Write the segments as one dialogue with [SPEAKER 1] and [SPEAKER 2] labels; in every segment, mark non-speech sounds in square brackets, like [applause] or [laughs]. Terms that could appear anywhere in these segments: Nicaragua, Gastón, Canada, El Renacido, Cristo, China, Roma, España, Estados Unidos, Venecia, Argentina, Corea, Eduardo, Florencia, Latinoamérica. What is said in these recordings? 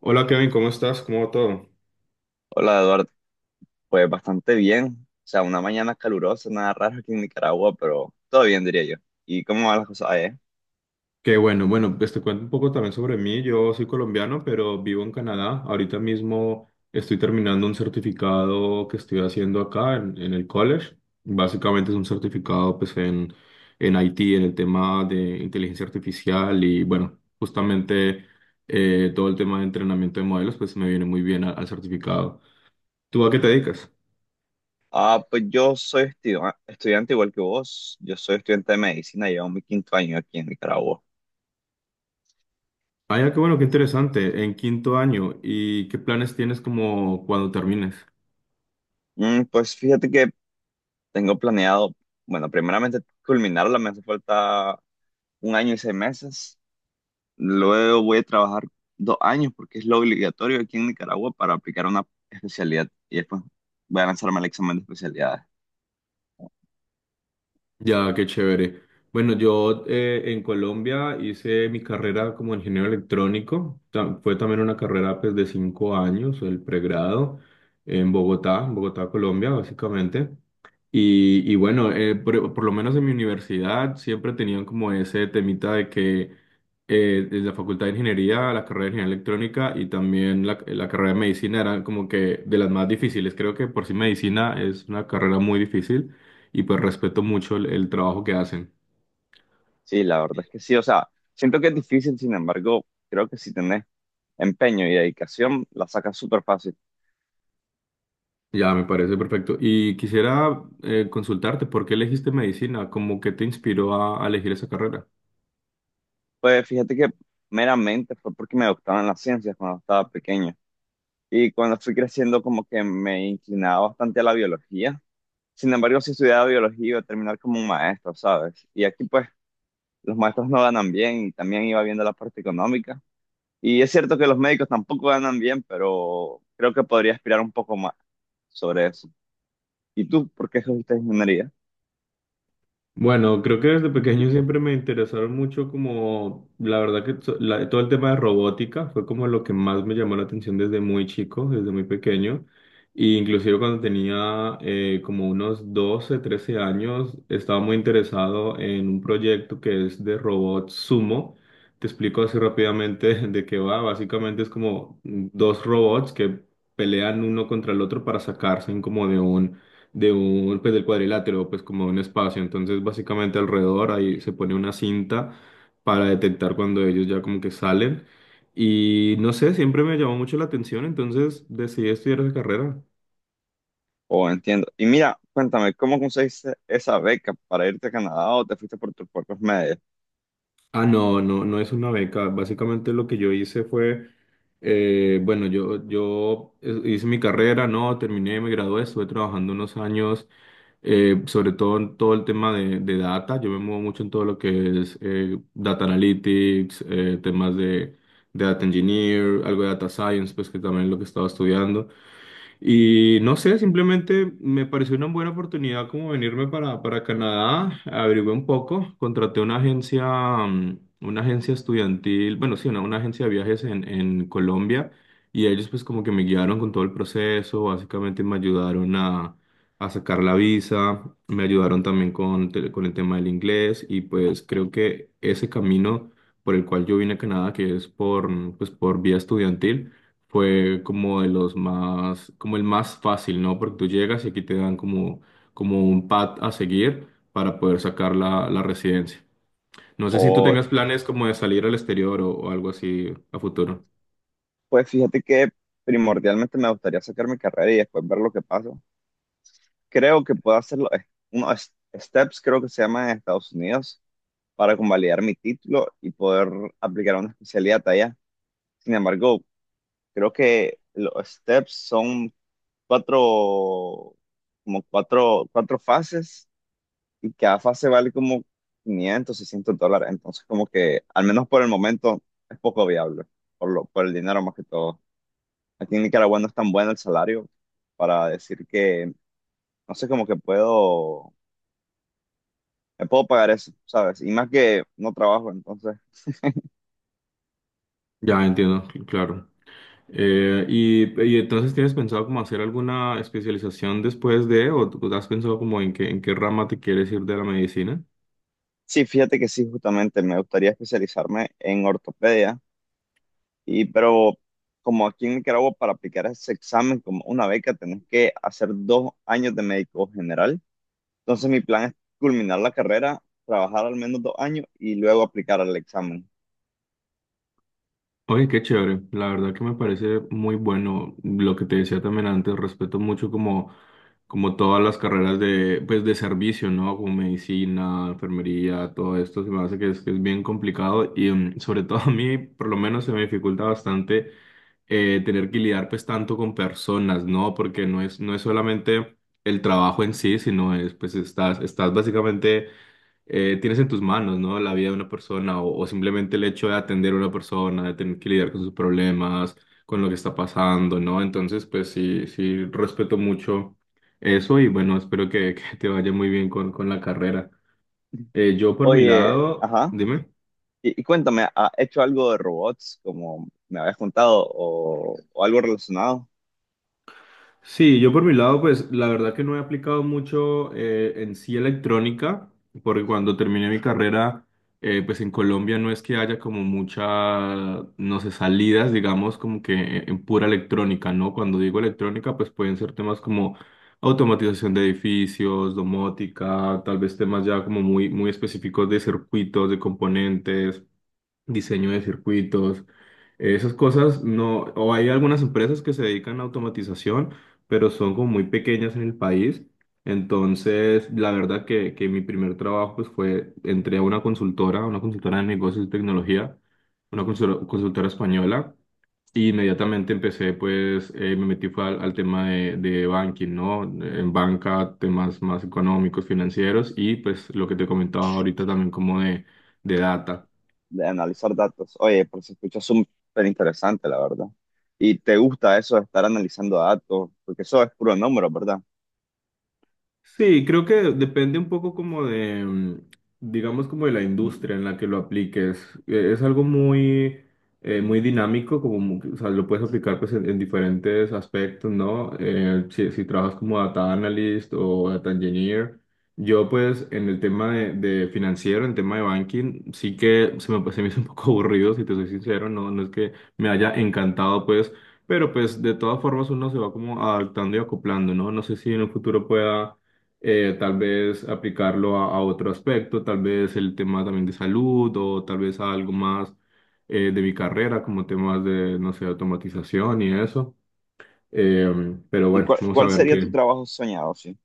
[SPEAKER 1] Hola Kevin, ¿cómo estás? ¿Cómo va todo?
[SPEAKER 2] Hola Eduardo, pues bastante bien. O sea, una mañana calurosa, nada raro aquí en Nicaragua, pero todo bien diría yo. ¿Y cómo van las cosas allá?
[SPEAKER 1] Qué bueno, bueno, pues te cuento un poco también sobre mí. Yo soy colombiano, pero vivo en Canadá. Ahorita mismo estoy terminando un certificado que estoy haciendo acá en el college. Básicamente es un certificado pues en IT, en el tema de inteligencia artificial y bueno, justamente todo el tema de entrenamiento de modelos pues me viene muy bien al certificado. ¿Tú a qué te dedicas?
[SPEAKER 2] Ah, pues yo soy estudiante igual que vos. Yo soy estudiante de medicina, llevo mi quinto año aquí en Nicaragua.
[SPEAKER 1] Ah, ya, qué bueno, qué interesante. En quinto año, ¿y qué planes tienes como cuando termines?
[SPEAKER 2] Pues fíjate que tengo planeado, bueno, primeramente culminarla, me hace falta un año y 6 meses. Luego voy a trabajar 2 años porque es lo obligatorio aquí en Nicaragua para aplicar una especialidad y después voy a lanzarme al examen de especialidad.
[SPEAKER 1] Ya, qué chévere. Bueno, yo en Colombia hice mi carrera como ingeniero electrónico. Fue también una carrera pues, de 5 años, el pregrado, en Bogotá, Colombia, básicamente. Y bueno, por lo menos en mi universidad siempre tenían como ese temita de que en la Facultad de Ingeniería, la carrera de Ingeniería Electrónica y también la carrera de Medicina eran como que de las más difíciles. Creo que por sí Medicina es una carrera muy difícil y pues respeto mucho el trabajo que hacen.
[SPEAKER 2] Sí, la verdad es que sí, o sea, siento que es difícil, sin embargo, creo que si tenés empeño y dedicación, la sacas súper fácil.
[SPEAKER 1] Ya, me parece perfecto. Y quisiera consultarte, ¿por qué elegiste medicina? ¿Cómo que te inspiró a elegir esa carrera?
[SPEAKER 2] Pues fíjate que meramente fue porque me gustaban las ciencias cuando estaba pequeño y cuando fui creciendo como que me inclinaba bastante a la biología. Sin embargo, si estudiaba biología iba a terminar como un maestro, ¿sabes? Y aquí pues los maestros no ganan bien y también iba viendo la parte económica. Y es cierto que los médicos tampoco ganan bien, pero creo que podría aspirar un poco más sobre eso. ¿Y tú por qué escogiste ingeniería?
[SPEAKER 1] Bueno, creo que desde pequeño siempre me interesaron mucho como, la verdad que todo el tema de robótica fue como lo que más me llamó la atención desde muy chico, desde muy pequeño. Y inclusive cuando tenía como unos 12, 13 años, estaba muy interesado en un proyecto que es de robot Sumo. Te explico así rápidamente [laughs] de qué va. Básicamente es como dos robots que pelean uno contra el otro para sacarse como de un pues del cuadrilátero, pues como un espacio. Entonces, básicamente alrededor ahí se pone una cinta para detectar cuando ellos ya como que salen. Y no sé, siempre me llamó mucho la atención, entonces decidí estudiar esa carrera.
[SPEAKER 2] Oh, entiendo. Y mira, cuéntame, ¿cómo conseguiste esa beca para irte a Canadá o te fuiste por tus propios medios?
[SPEAKER 1] Ah, no, no, no es una beca. Básicamente lo que yo hice fue, bueno, yo hice mi carrera, no, terminé, me gradué, estuve trabajando unos años sobre todo en todo el tema de data. Yo me muevo mucho en todo lo que es data analytics, temas de data engineer, algo de data science, pues que también es lo que estaba estudiando. Y no sé, simplemente me pareció una buena oportunidad como venirme para Canadá, averigué un poco, contraté una agencia, una agencia estudiantil, bueno, sí, una agencia de viajes en Colombia y ellos pues como que me guiaron con todo el proceso, básicamente me ayudaron a sacar la visa, me ayudaron también con el tema del inglés y pues creo que ese camino por el cual yo vine a Canadá, que es por, pues, por vía estudiantil, fue como de los más, como el más fácil, ¿no? Porque tú llegas y aquí te dan como, como un pad a seguir para poder sacar la residencia. No sé si tú
[SPEAKER 2] O,
[SPEAKER 1] tengas planes como de salir al exterior o algo así a futuro.
[SPEAKER 2] pues fíjate que primordialmente me gustaría sacar mi carrera y después ver lo que pasa. Creo que puedo hacer unos steps, creo que se llama en Estados Unidos, para convalidar mi título y poder aplicar una especialidad allá. Sin embargo, creo que los steps son cuatro, como cuatro fases y cada fase vale como $500, $600. Entonces, como que, al menos por el momento, es poco viable, por el dinero más que todo. Aquí en Nicaragua no es tan bueno el salario para decir que, no sé, como que puedo, me puedo pagar eso, ¿sabes? Y más que no trabajo, entonces.
[SPEAKER 1] Ya entiendo, claro. Y entonces tienes pensado como hacer alguna especialización después de, o tú has pensado como en qué rama te quieres ir de la medicina?
[SPEAKER 2] Sí, fíjate que sí, justamente me gustaría especializarme en ortopedia, y pero como aquí en Nicaragua para aplicar ese examen como una beca tenés que hacer 2 años de médico general. Entonces mi plan es culminar la carrera, trabajar al menos 2 años y luego aplicar al examen.
[SPEAKER 1] Oye, qué chévere, la verdad que me parece muy bueno lo que te decía también antes, respeto mucho como, como todas las carreras de, pues, de servicio, ¿no? Como medicina, enfermería, todo esto, se me hace que es bien complicado y mm, sobre [laughs] todo a mí, por lo menos, se me dificulta bastante tener que lidiar pues tanto con personas, ¿no? Porque no es, no es solamente el trabajo en sí, sino es, pues, estás, estás básicamente tienes en tus manos, ¿no? La vida de una persona o simplemente el hecho de atender a una persona, de tener que lidiar con sus problemas, con lo que está pasando, ¿no? Entonces, pues sí, sí, respeto mucho eso y bueno, espero que, [laughs] que te vaya muy bien con la carrera. Yo por mi
[SPEAKER 2] Oye,
[SPEAKER 1] lado,
[SPEAKER 2] ajá.
[SPEAKER 1] dime.
[SPEAKER 2] Y cuéntame, ¿has hecho algo de robots, como me habías contado, o algo relacionado
[SPEAKER 1] Sí, yo por mi lado, pues la verdad que no he aplicado mucho en sí electrónica, porque cuando terminé mi carrera, pues en Colombia no es que haya como muchas, no sé, salidas, digamos, como que en pura electrónica, ¿no? Cuando digo electrónica, pues pueden ser temas como automatización de edificios, domótica, tal vez temas ya como muy, muy específicos de circuitos, de componentes diseño de circuitos, esas cosas no, o hay algunas empresas que se dedican a automatización, pero son como muy pequeñas en el país. Entonces, la verdad que mi primer trabajo pues fue, entré a una consultora de negocios y tecnología, una consultora española. Y inmediatamente empecé, pues, me metí fue al tema de banking, ¿no? En banca, temas más económicos, financieros y pues lo que te comentaba ahorita también como de data.
[SPEAKER 2] de analizar datos? Oye, pues se escucha súper interesante, la verdad. ¿Y te gusta eso de estar analizando datos? Porque eso es puro número, ¿verdad?
[SPEAKER 1] Sí, creo que depende un poco como de, digamos, como de la industria en la que lo apliques. Es algo muy, muy dinámico, como, o sea, lo puedes aplicar pues en diferentes aspectos, ¿no? Si, si trabajas como data analyst o data engineer. Yo pues en el tema de financiero, en tema de banking, sí que se me hizo un poco [laughs] aburrido, si te soy sincero, no, no es que me haya encantado pues, pero pues de todas formas uno se va como adaptando y acoplando, ¿no? No sé si en el futuro pueda tal vez aplicarlo a otro aspecto, tal vez el tema también de salud o tal vez a algo más de mi carrera, como temas de, no sé, automatización y eso. Eh, pero
[SPEAKER 2] ¿Y
[SPEAKER 1] bueno,
[SPEAKER 2] cuál,
[SPEAKER 1] vamos a
[SPEAKER 2] cuál
[SPEAKER 1] ver
[SPEAKER 2] sería tu
[SPEAKER 1] qué.
[SPEAKER 2] trabajo soñado, sí?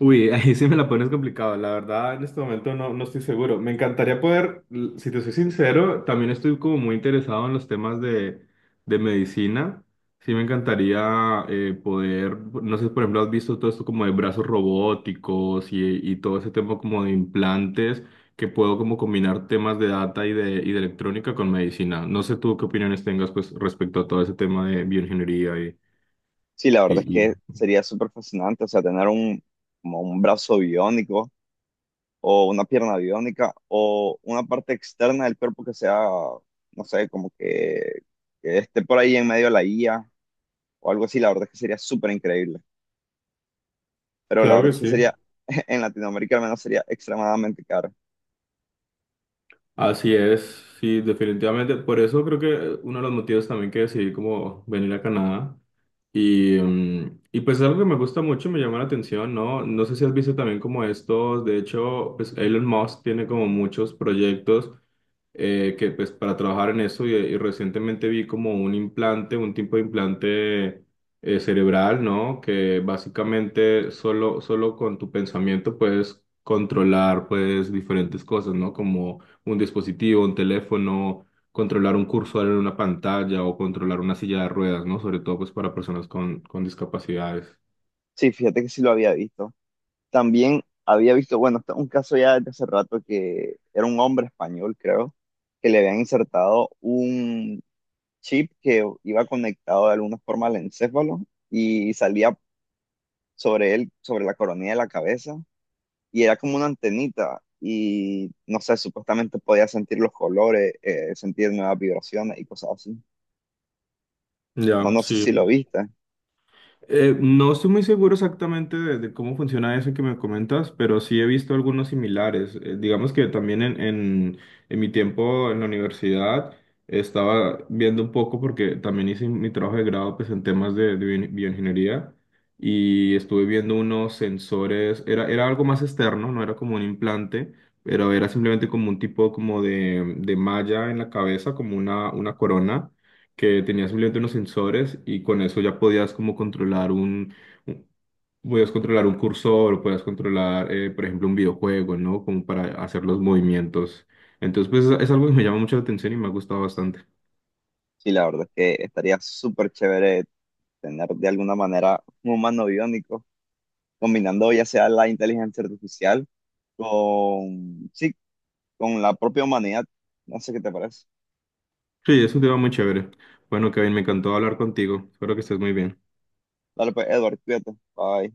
[SPEAKER 1] Uy, [laughs] ahí sí me la pones complicado. La verdad, en este momento no, no estoy seguro. Me encantaría poder, si te soy sincero, también estoy como muy interesado en los temas de medicina. Sí me encantaría poder, no sé, por ejemplo, has visto todo esto como de brazos robóticos y todo ese tema como de implantes, que puedo como combinar temas de data y y de electrónica con medicina. No sé tú qué opiniones tengas pues respecto a todo ese tema de bioingeniería y...
[SPEAKER 2] Sí, la
[SPEAKER 1] y,
[SPEAKER 2] verdad es
[SPEAKER 1] y...
[SPEAKER 2] que sería súper fascinante, o sea, tener un, como un brazo biónico o una pierna biónica o una parte externa del cuerpo que sea, no sé, como que esté por ahí en medio de la IA o algo así, la verdad es que sería súper increíble. Pero la
[SPEAKER 1] Claro que
[SPEAKER 2] verdad es que
[SPEAKER 1] sí.
[SPEAKER 2] sería, [laughs] en Latinoamérica al menos sería extremadamente caro.
[SPEAKER 1] Así es, sí, definitivamente. Por eso creo que uno de los motivos también que decidí como venir a Canadá y pues es algo que me gusta mucho, me llama la atención, ¿no? No sé si has visto también como estos, de hecho, pues Elon Musk tiene como muchos proyectos que pues para trabajar en eso y recientemente vi como un implante, un tipo de implante cerebral, ¿no? Que básicamente solo, solo con tu pensamiento puedes controlar pues diferentes cosas, ¿no? Como un dispositivo, un teléfono controlar un cursor en una pantalla o controlar una silla de ruedas, ¿no? Sobre todo pues para personas con discapacidades.
[SPEAKER 2] Sí, fíjate que sí lo había visto. También había visto, bueno, esto es un caso ya desde hace rato que era un hombre español, creo, que le habían insertado un chip que iba conectado de alguna forma al encéfalo y salía sobre él, sobre la coronilla de la cabeza, y era como una antenita, y no sé, supuestamente podía sentir los colores, sentir nuevas vibraciones y cosas así. No,
[SPEAKER 1] Ya,
[SPEAKER 2] no sé si lo
[SPEAKER 1] sí.
[SPEAKER 2] viste,
[SPEAKER 1] No estoy muy seguro exactamente de cómo funciona eso que me comentas, pero sí he visto algunos similares. Digamos que también en, en mi tiempo en la universidad estaba viendo un poco porque también hice mi trabajo de grado pues, en temas de bioingeniería y estuve viendo unos sensores, era, era algo más externo, no era como un implante, pero era simplemente como un tipo como de malla en la cabeza, como una corona que tenía simplemente unos sensores y con eso ya podías como controlar un, un- podías controlar un cursor, o podías controlar, por ejemplo, un videojuego, ¿no? Como para hacer los movimientos. Entonces, pues es algo que me llama mucho la atención y me ha gustado bastante.
[SPEAKER 2] sí, la verdad es que estaría súper chévere tener de alguna manera un humano biónico, combinando ya sea la inteligencia artificial con, sí, con la propia humanidad. No sé qué te parece.
[SPEAKER 1] Sí, es un tema muy chévere. Bueno, Kevin, me encantó hablar contigo. Espero que estés muy bien.
[SPEAKER 2] Dale pues, Edward, cuídate. Bye.